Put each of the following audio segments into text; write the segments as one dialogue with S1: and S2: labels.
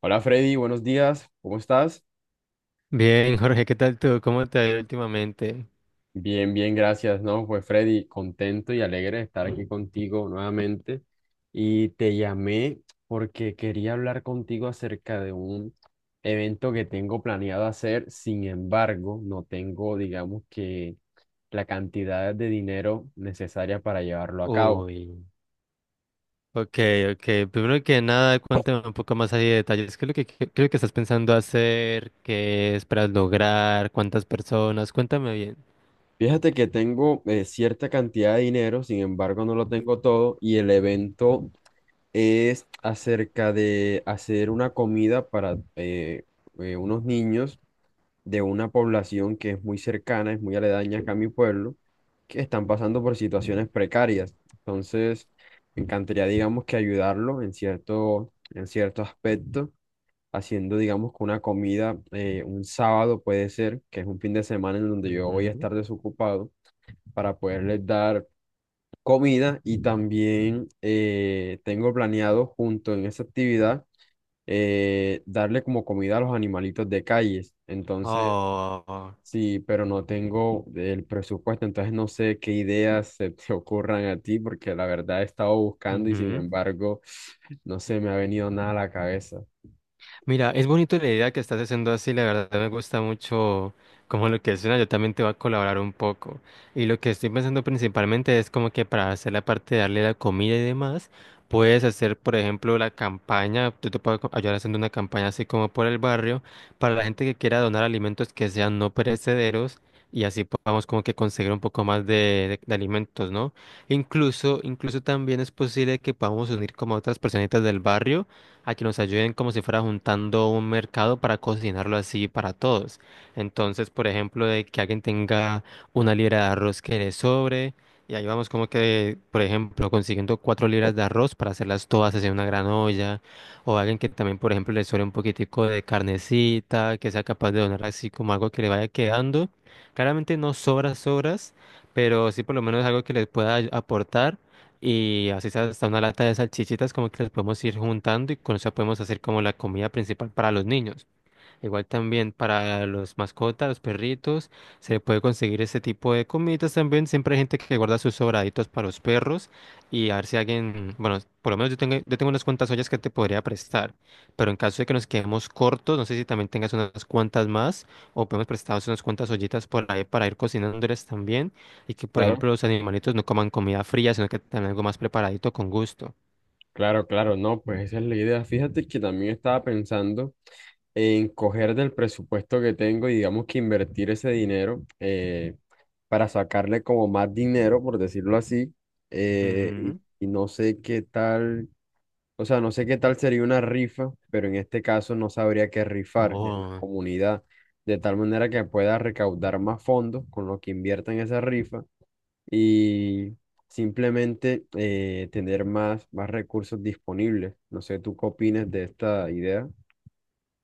S1: Hola Freddy, buenos días, ¿cómo estás?
S2: Bien, Jorge, ¿qué tal tú? ¿Cómo te ha ido últimamente?
S1: Bien, bien, gracias, ¿no? Pues Freddy, contento y alegre de estar aquí contigo nuevamente. Y te llamé porque quería hablar contigo acerca de un evento que tengo planeado hacer, sin embargo, no tengo, digamos que, la cantidad de dinero necesaria para llevarlo a cabo.
S2: Uy, ok, ok. Primero que nada, cuéntame un poco más ahí de detalles. ¿Qué es lo que estás pensando hacer? ¿Qué esperas lograr? ¿Cuántas personas? Cuéntame bien.
S1: Fíjate que tengo cierta cantidad de dinero, sin embargo, no lo tengo todo y el evento es acerca de hacer una comida para unos niños de una población que es muy cercana, es muy aledaña acá a mi pueblo, que están pasando por situaciones precarias. Entonces, me encantaría, digamos, que ayudarlo en cierto aspecto, haciendo, digamos, que una comida un sábado puede ser, que es un fin de semana en donde yo voy a
S2: Ujú.
S1: estar desocupado, para poderles dar comida y también tengo planeado junto en esa actividad darle como comida a los animalitos de calles. Entonces,
S2: Oh.
S1: sí, pero no tengo el presupuesto, entonces no sé qué ideas se te ocurran a ti porque la verdad he estado buscando y sin
S2: Ujú.
S1: embargo no se me ha venido nada a la cabeza.
S2: Mira, es bonito la idea que estás haciendo así, la verdad me gusta mucho como lo que suena, yo también te voy a colaborar un poco. Y lo que estoy pensando principalmente es como que para hacer la parte de darle la comida y demás, puedes hacer, por ejemplo, la campaña, tú te puedes ayudar haciendo una campaña así como por el barrio, para la gente que quiera donar alimentos que sean no perecederos. Y así podamos como que conseguir un poco más de alimentos, ¿no? Incluso también es posible que podamos unir como a otras personitas del barrio a que nos ayuden como si fuera juntando un mercado para cocinarlo así para todos. Entonces, por ejemplo, de que alguien tenga una libra de arroz que le sobre, y ahí vamos como que, por ejemplo, consiguiendo 4 libras de arroz para hacerlas todas hacia una gran olla, o alguien que también, por ejemplo, le sobre un poquitico de carnecita, que sea capaz de donar así como algo que le vaya quedando. Claramente no sobras, sobras, pero sí por lo menos algo que les pueda aportar y así sea, hasta una lata de salchichitas como que las podemos ir juntando y con eso podemos hacer como la comida principal para los niños. Igual también para los mascotas, los perritos, se puede conseguir este tipo de comidas también. Siempre hay gente que guarda sus sobraditos para los perros y a ver si alguien, bueno, por lo menos yo tengo unas cuantas ollas que te podría prestar, pero en caso de que nos quedemos cortos, no sé si también tengas unas cuantas más o podemos prestaros unas cuantas ollitas por ahí para ir cocinándoles también y que, por
S1: Claro.
S2: ejemplo, los animalitos no coman comida fría, sino que tengan algo más preparadito con gusto.
S1: Claro, claro, no, pues esa es la idea. Fíjate que también estaba pensando en coger del presupuesto que tengo y digamos que invertir ese dinero, para sacarle como más dinero, por decirlo así, eh, y,
S2: Ujú.
S1: y no sé qué tal, o sea, no sé qué tal sería una rifa, pero en este caso no sabría qué rifar en la
S2: Oh.
S1: comunidad, de tal manera que pueda recaudar más fondos con lo que invierta en esa rifa y simplemente tener más recursos disponibles. No sé, ¿tú qué opinas de esta idea?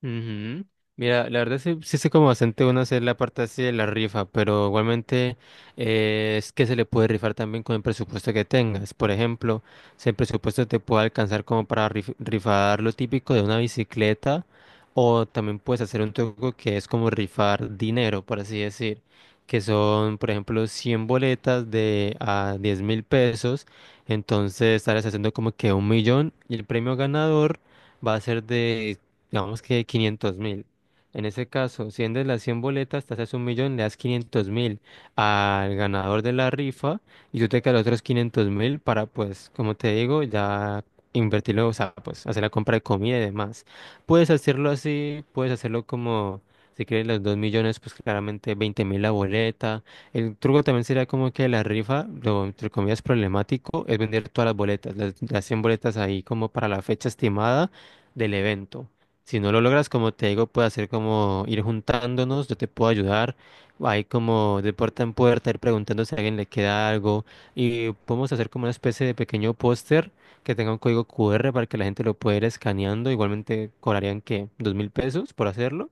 S2: Ujú. Mira, la verdad sí, sí sé como bastante uno hacer la parte así de la rifa, pero igualmente es que se le puede rifar también con el presupuesto que tengas. Por ejemplo, si el presupuesto te puede alcanzar como para rifar lo típico de una bicicleta, o también puedes hacer un truco que es como rifar dinero, por así decir, que son, por ejemplo, 100 boletas de a 10.000 pesos. Entonces estarás haciendo como que 1 millón y el premio ganador va a ser de, digamos que, 500.000. En ese caso, si vendes las 100 boletas, te haces 1 millón, le das 500.000 al ganador de la rifa y tú te quedas los otros 500.000 para, pues, como te digo, ya invertirlo, o sea, pues, hacer la compra de comida y demás. Puedes hacerlo así, puedes hacerlo como, si quieres los 2 millones, pues claramente 20.000 la boleta. El truco también sería como que la rifa, lo entre comillas problemático, es vender todas las boletas, las 100 boletas ahí como para la fecha estimada del evento. Si no lo logras, como te digo, puede hacer como ir juntándonos, yo te puedo ayudar. Hay como de puerta en puerta, ir preguntando si a alguien le queda algo. Y podemos hacer como una especie de pequeño póster que tenga un código QR para que la gente lo pueda ir escaneando. Igualmente cobrarían que 2.000 pesos por hacerlo.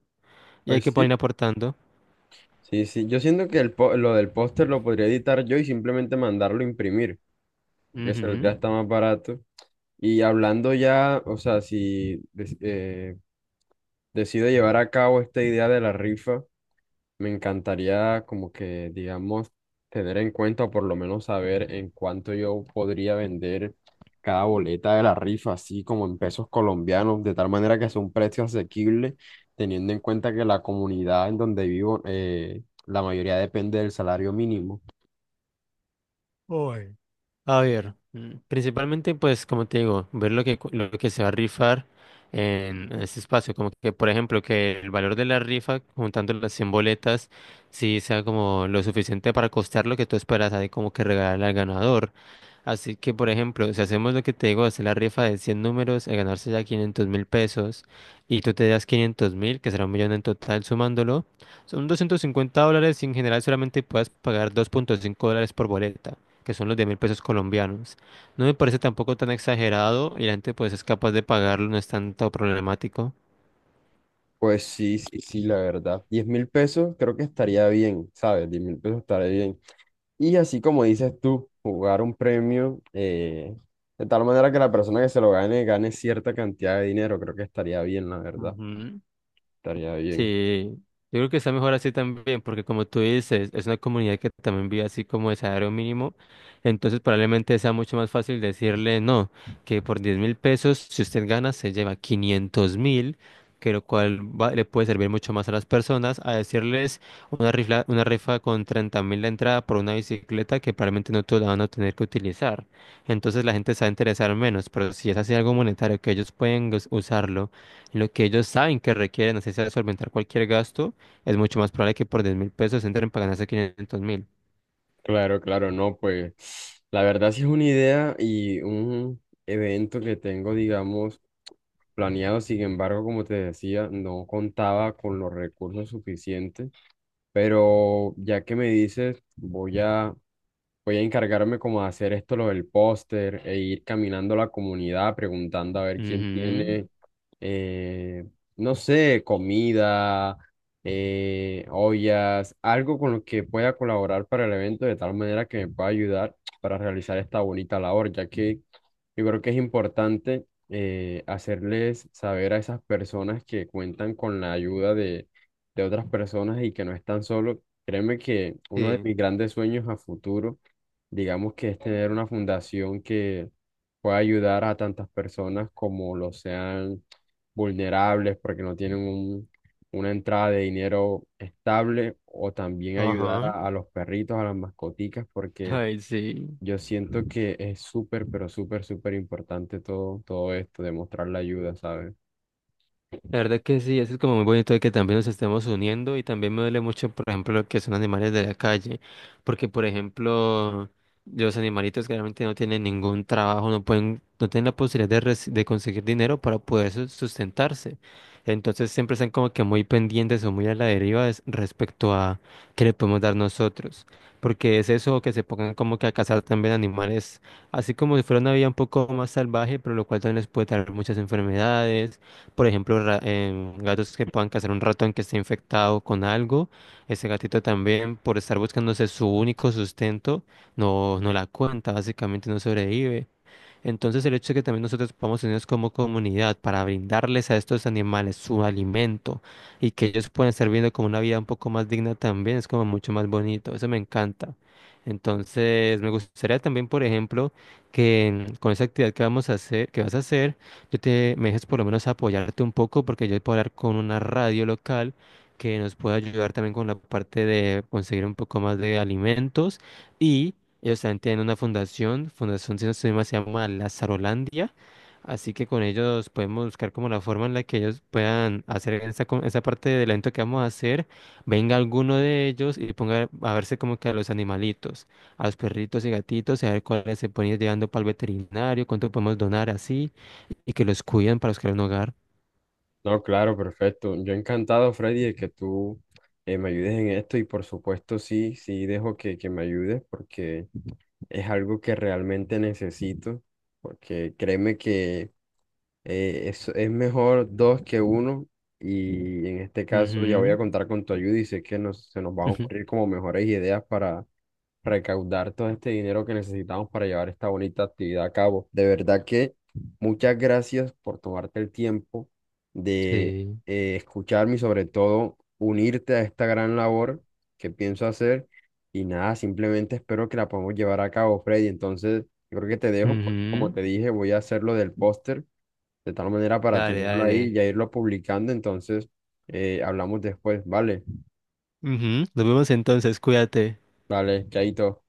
S2: Y hay
S1: Pues
S2: que poder ir
S1: sí,
S2: aportando.
S1: sí, sí. Yo siento que lo del póster lo podría editar yo y simplemente mandarlo a imprimir, porque
S2: Ujú.
S1: saldría hasta más barato. Y hablando ya, o sea, si des- decido llevar a cabo esta idea de la rifa. Me encantaría como que, digamos, tener en cuenta o por lo menos saber en cuánto yo podría vender cada boleta de la rifa, así como en pesos colombianos, de tal manera que sea un precio asequible, teniendo en cuenta que la comunidad en donde vivo, la mayoría depende del salario mínimo.
S2: Uy. A ver, principalmente pues como te digo, ver lo que se va a rifar en este espacio, como que por ejemplo que el valor de la rifa juntando las 100 boletas sí sea como lo suficiente para costar lo que tú esperas ahí como que regalar al ganador. Así que por ejemplo, si hacemos lo que te digo, hacer la rifa de 100 números, a ganarse ya 500.000 pesos y tú te das 500.000, que será 1 millón en total sumándolo, son 250 dólares y en general solamente puedes pagar 2,5 dólares por boleta que son los 10 mil pesos colombianos. No me parece tampoco tan exagerado y la gente pues es capaz de pagarlo, no es tanto problemático.
S1: Pues sí, sí, sí, la verdad. 10 mil pesos creo que estaría bien, ¿sabes? 10 mil pesos estaría bien. Y así como dices tú, jugar un premio, de tal manera que la persona que se lo gane gane cierta cantidad de dinero, creo que estaría bien, la verdad,
S2: Ujú.
S1: estaría bien.
S2: Sí, yo creo que está mejor así también, porque como tú dices, es una comunidad que también vive así como de salario mínimo, entonces probablemente sea mucho más fácil decirle no, que por 10.000 pesos, si usted gana, se lleva 500.000, que lo cual le puede servir mucho más a las personas, a decirles una rifa con 30.000 de entrada por una bicicleta que probablemente no todos la van a tener que utilizar. Entonces la gente se va a interesar menos, pero si es así algo monetario que ellos pueden usarlo lo que ellos saben que requieren, así sea solventar cualquier gasto, es mucho más probable que por 10.000 pesos entren para ganarse 500.000.
S1: Claro, claro, no, pues la verdad sí es una idea y un evento que tengo, digamos, planeado, sin embargo, como te decía, no contaba con los recursos suficientes, pero ya que me dices, voy a encargarme como de hacer esto, lo del póster, e ir caminando la comunidad preguntando a ver quién
S2: Ujú.
S1: tiene, eh, no sé, comida, ollas, algo con lo que pueda colaborar para el evento de tal manera que me pueda ayudar para realizar esta bonita labor, ya que yo creo que es importante, hacerles saber a esas personas que cuentan con la ayuda de otras personas y que no están solos. Créeme que uno de
S2: Sí.
S1: mis grandes sueños a futuro, digamos, que es tener una fundación que pueda ayudar a tantas personas como lo sean vulnerables porque no tienen un- una entrada de dinero estable, o también ayudar
S2: Ajá.
S1: a los perritos, a las mascoticas, porque
S2: Ay, sí.
S1: yo siento que es súper, pero súper, súper importante todo, todo esto, demostrar la ayuda, ¿sabes?
S2: La verdad que sí, eso es como muy bonito de que también nos estemos uniendo y también me duele mucho, por ejemplo, lo que son animales de la calle, porque, por ejemplo, los animalitos que realmente no tienen ningún trabajo, no pueden, no tienen la posibilidad de, de conseguir dinero para poder sustentarse. Entonces siempre están como que muy pendientes o muy a la deriva respecto a qué le podemos dar nosotros, porque es eso que se pongan como que a cazar también animales, así como si fuera una vida un poco más salvaje, pero lo cual también les puede traer muchas enfermedades, por ejemplo, gatos que puedan cazar un ratón que esté infectado con algo. Ese gatito también, por estar buscándose su único sustento, no, no la cuenta, básicamente no sobrevive. Entonces el hecho de que también nosotros podamos unirnos como comunidad para brindarles a estos animales su alimento y que ellos puedan estar viendo como una vida un poco más digna también es como mucho más bonito, eso me encanta. Entonces me gustaría también, por ejemplo, que con esa actividad que vamos a hacer, que vas a hacer, yo te me dejes por lo menos apoyarte un poco porque yo puedo hablar con una radio local que nos pueda ayudar también con la parte de conseguir un poco más de alimentos. Ellos también tienen una fundación, fundación si no estoy mal, se llama Lazarolandia, así que con ellos podemos buscar como la forma en la que ellos puedan hacer esa parte del evento que vamos a hacer, venga alguno de ellos y ponga a verse como que a los animalitos, a los perritos y gatitos, y a ver cuáles se pueden ir llevando para el veterinario, cuánto podemos donar así, y que los cuiden para buscar un hogar.
S1: No, claro, perfecto. Yo encantado, Freddy, de que tú, me ayudes en esto, y por supuesto sí, sí dejo que me ayudes porque es algo que realmente necesito, porque créeme que es mejor dos que uno, y en este caso ya voy a
S2: Ujú,
S1: contar con tu ayuda y sé que nos, se nos van a
S2: ujú.
S1: ocurrir como mejores ideas para recaudar todo este dinero que necesitamos para llevar esta bonita actividad a cabo. De verdad que muchas gracias por tomarte el tiempo de,
S2: Sí.
S1: escucharme y sobre todo unirte a esta gran labor que pienso hacer. Y nada, simplemente espero que la podamos llevar a cabo, Freddy. Entonces, yo creo que te dejo porque como
S2: Ujú.
S1: te dije, voy a hacer lo del póster de tal manera para
S2: Dale,
S1: tenerlo ahí y
S2: dale.
S1: ya irlo publicando. Entonces, hablamos después, ¿vale?
S2: Ujú. Nos vemos entonces, cuídate.
S1: Vale, chaito.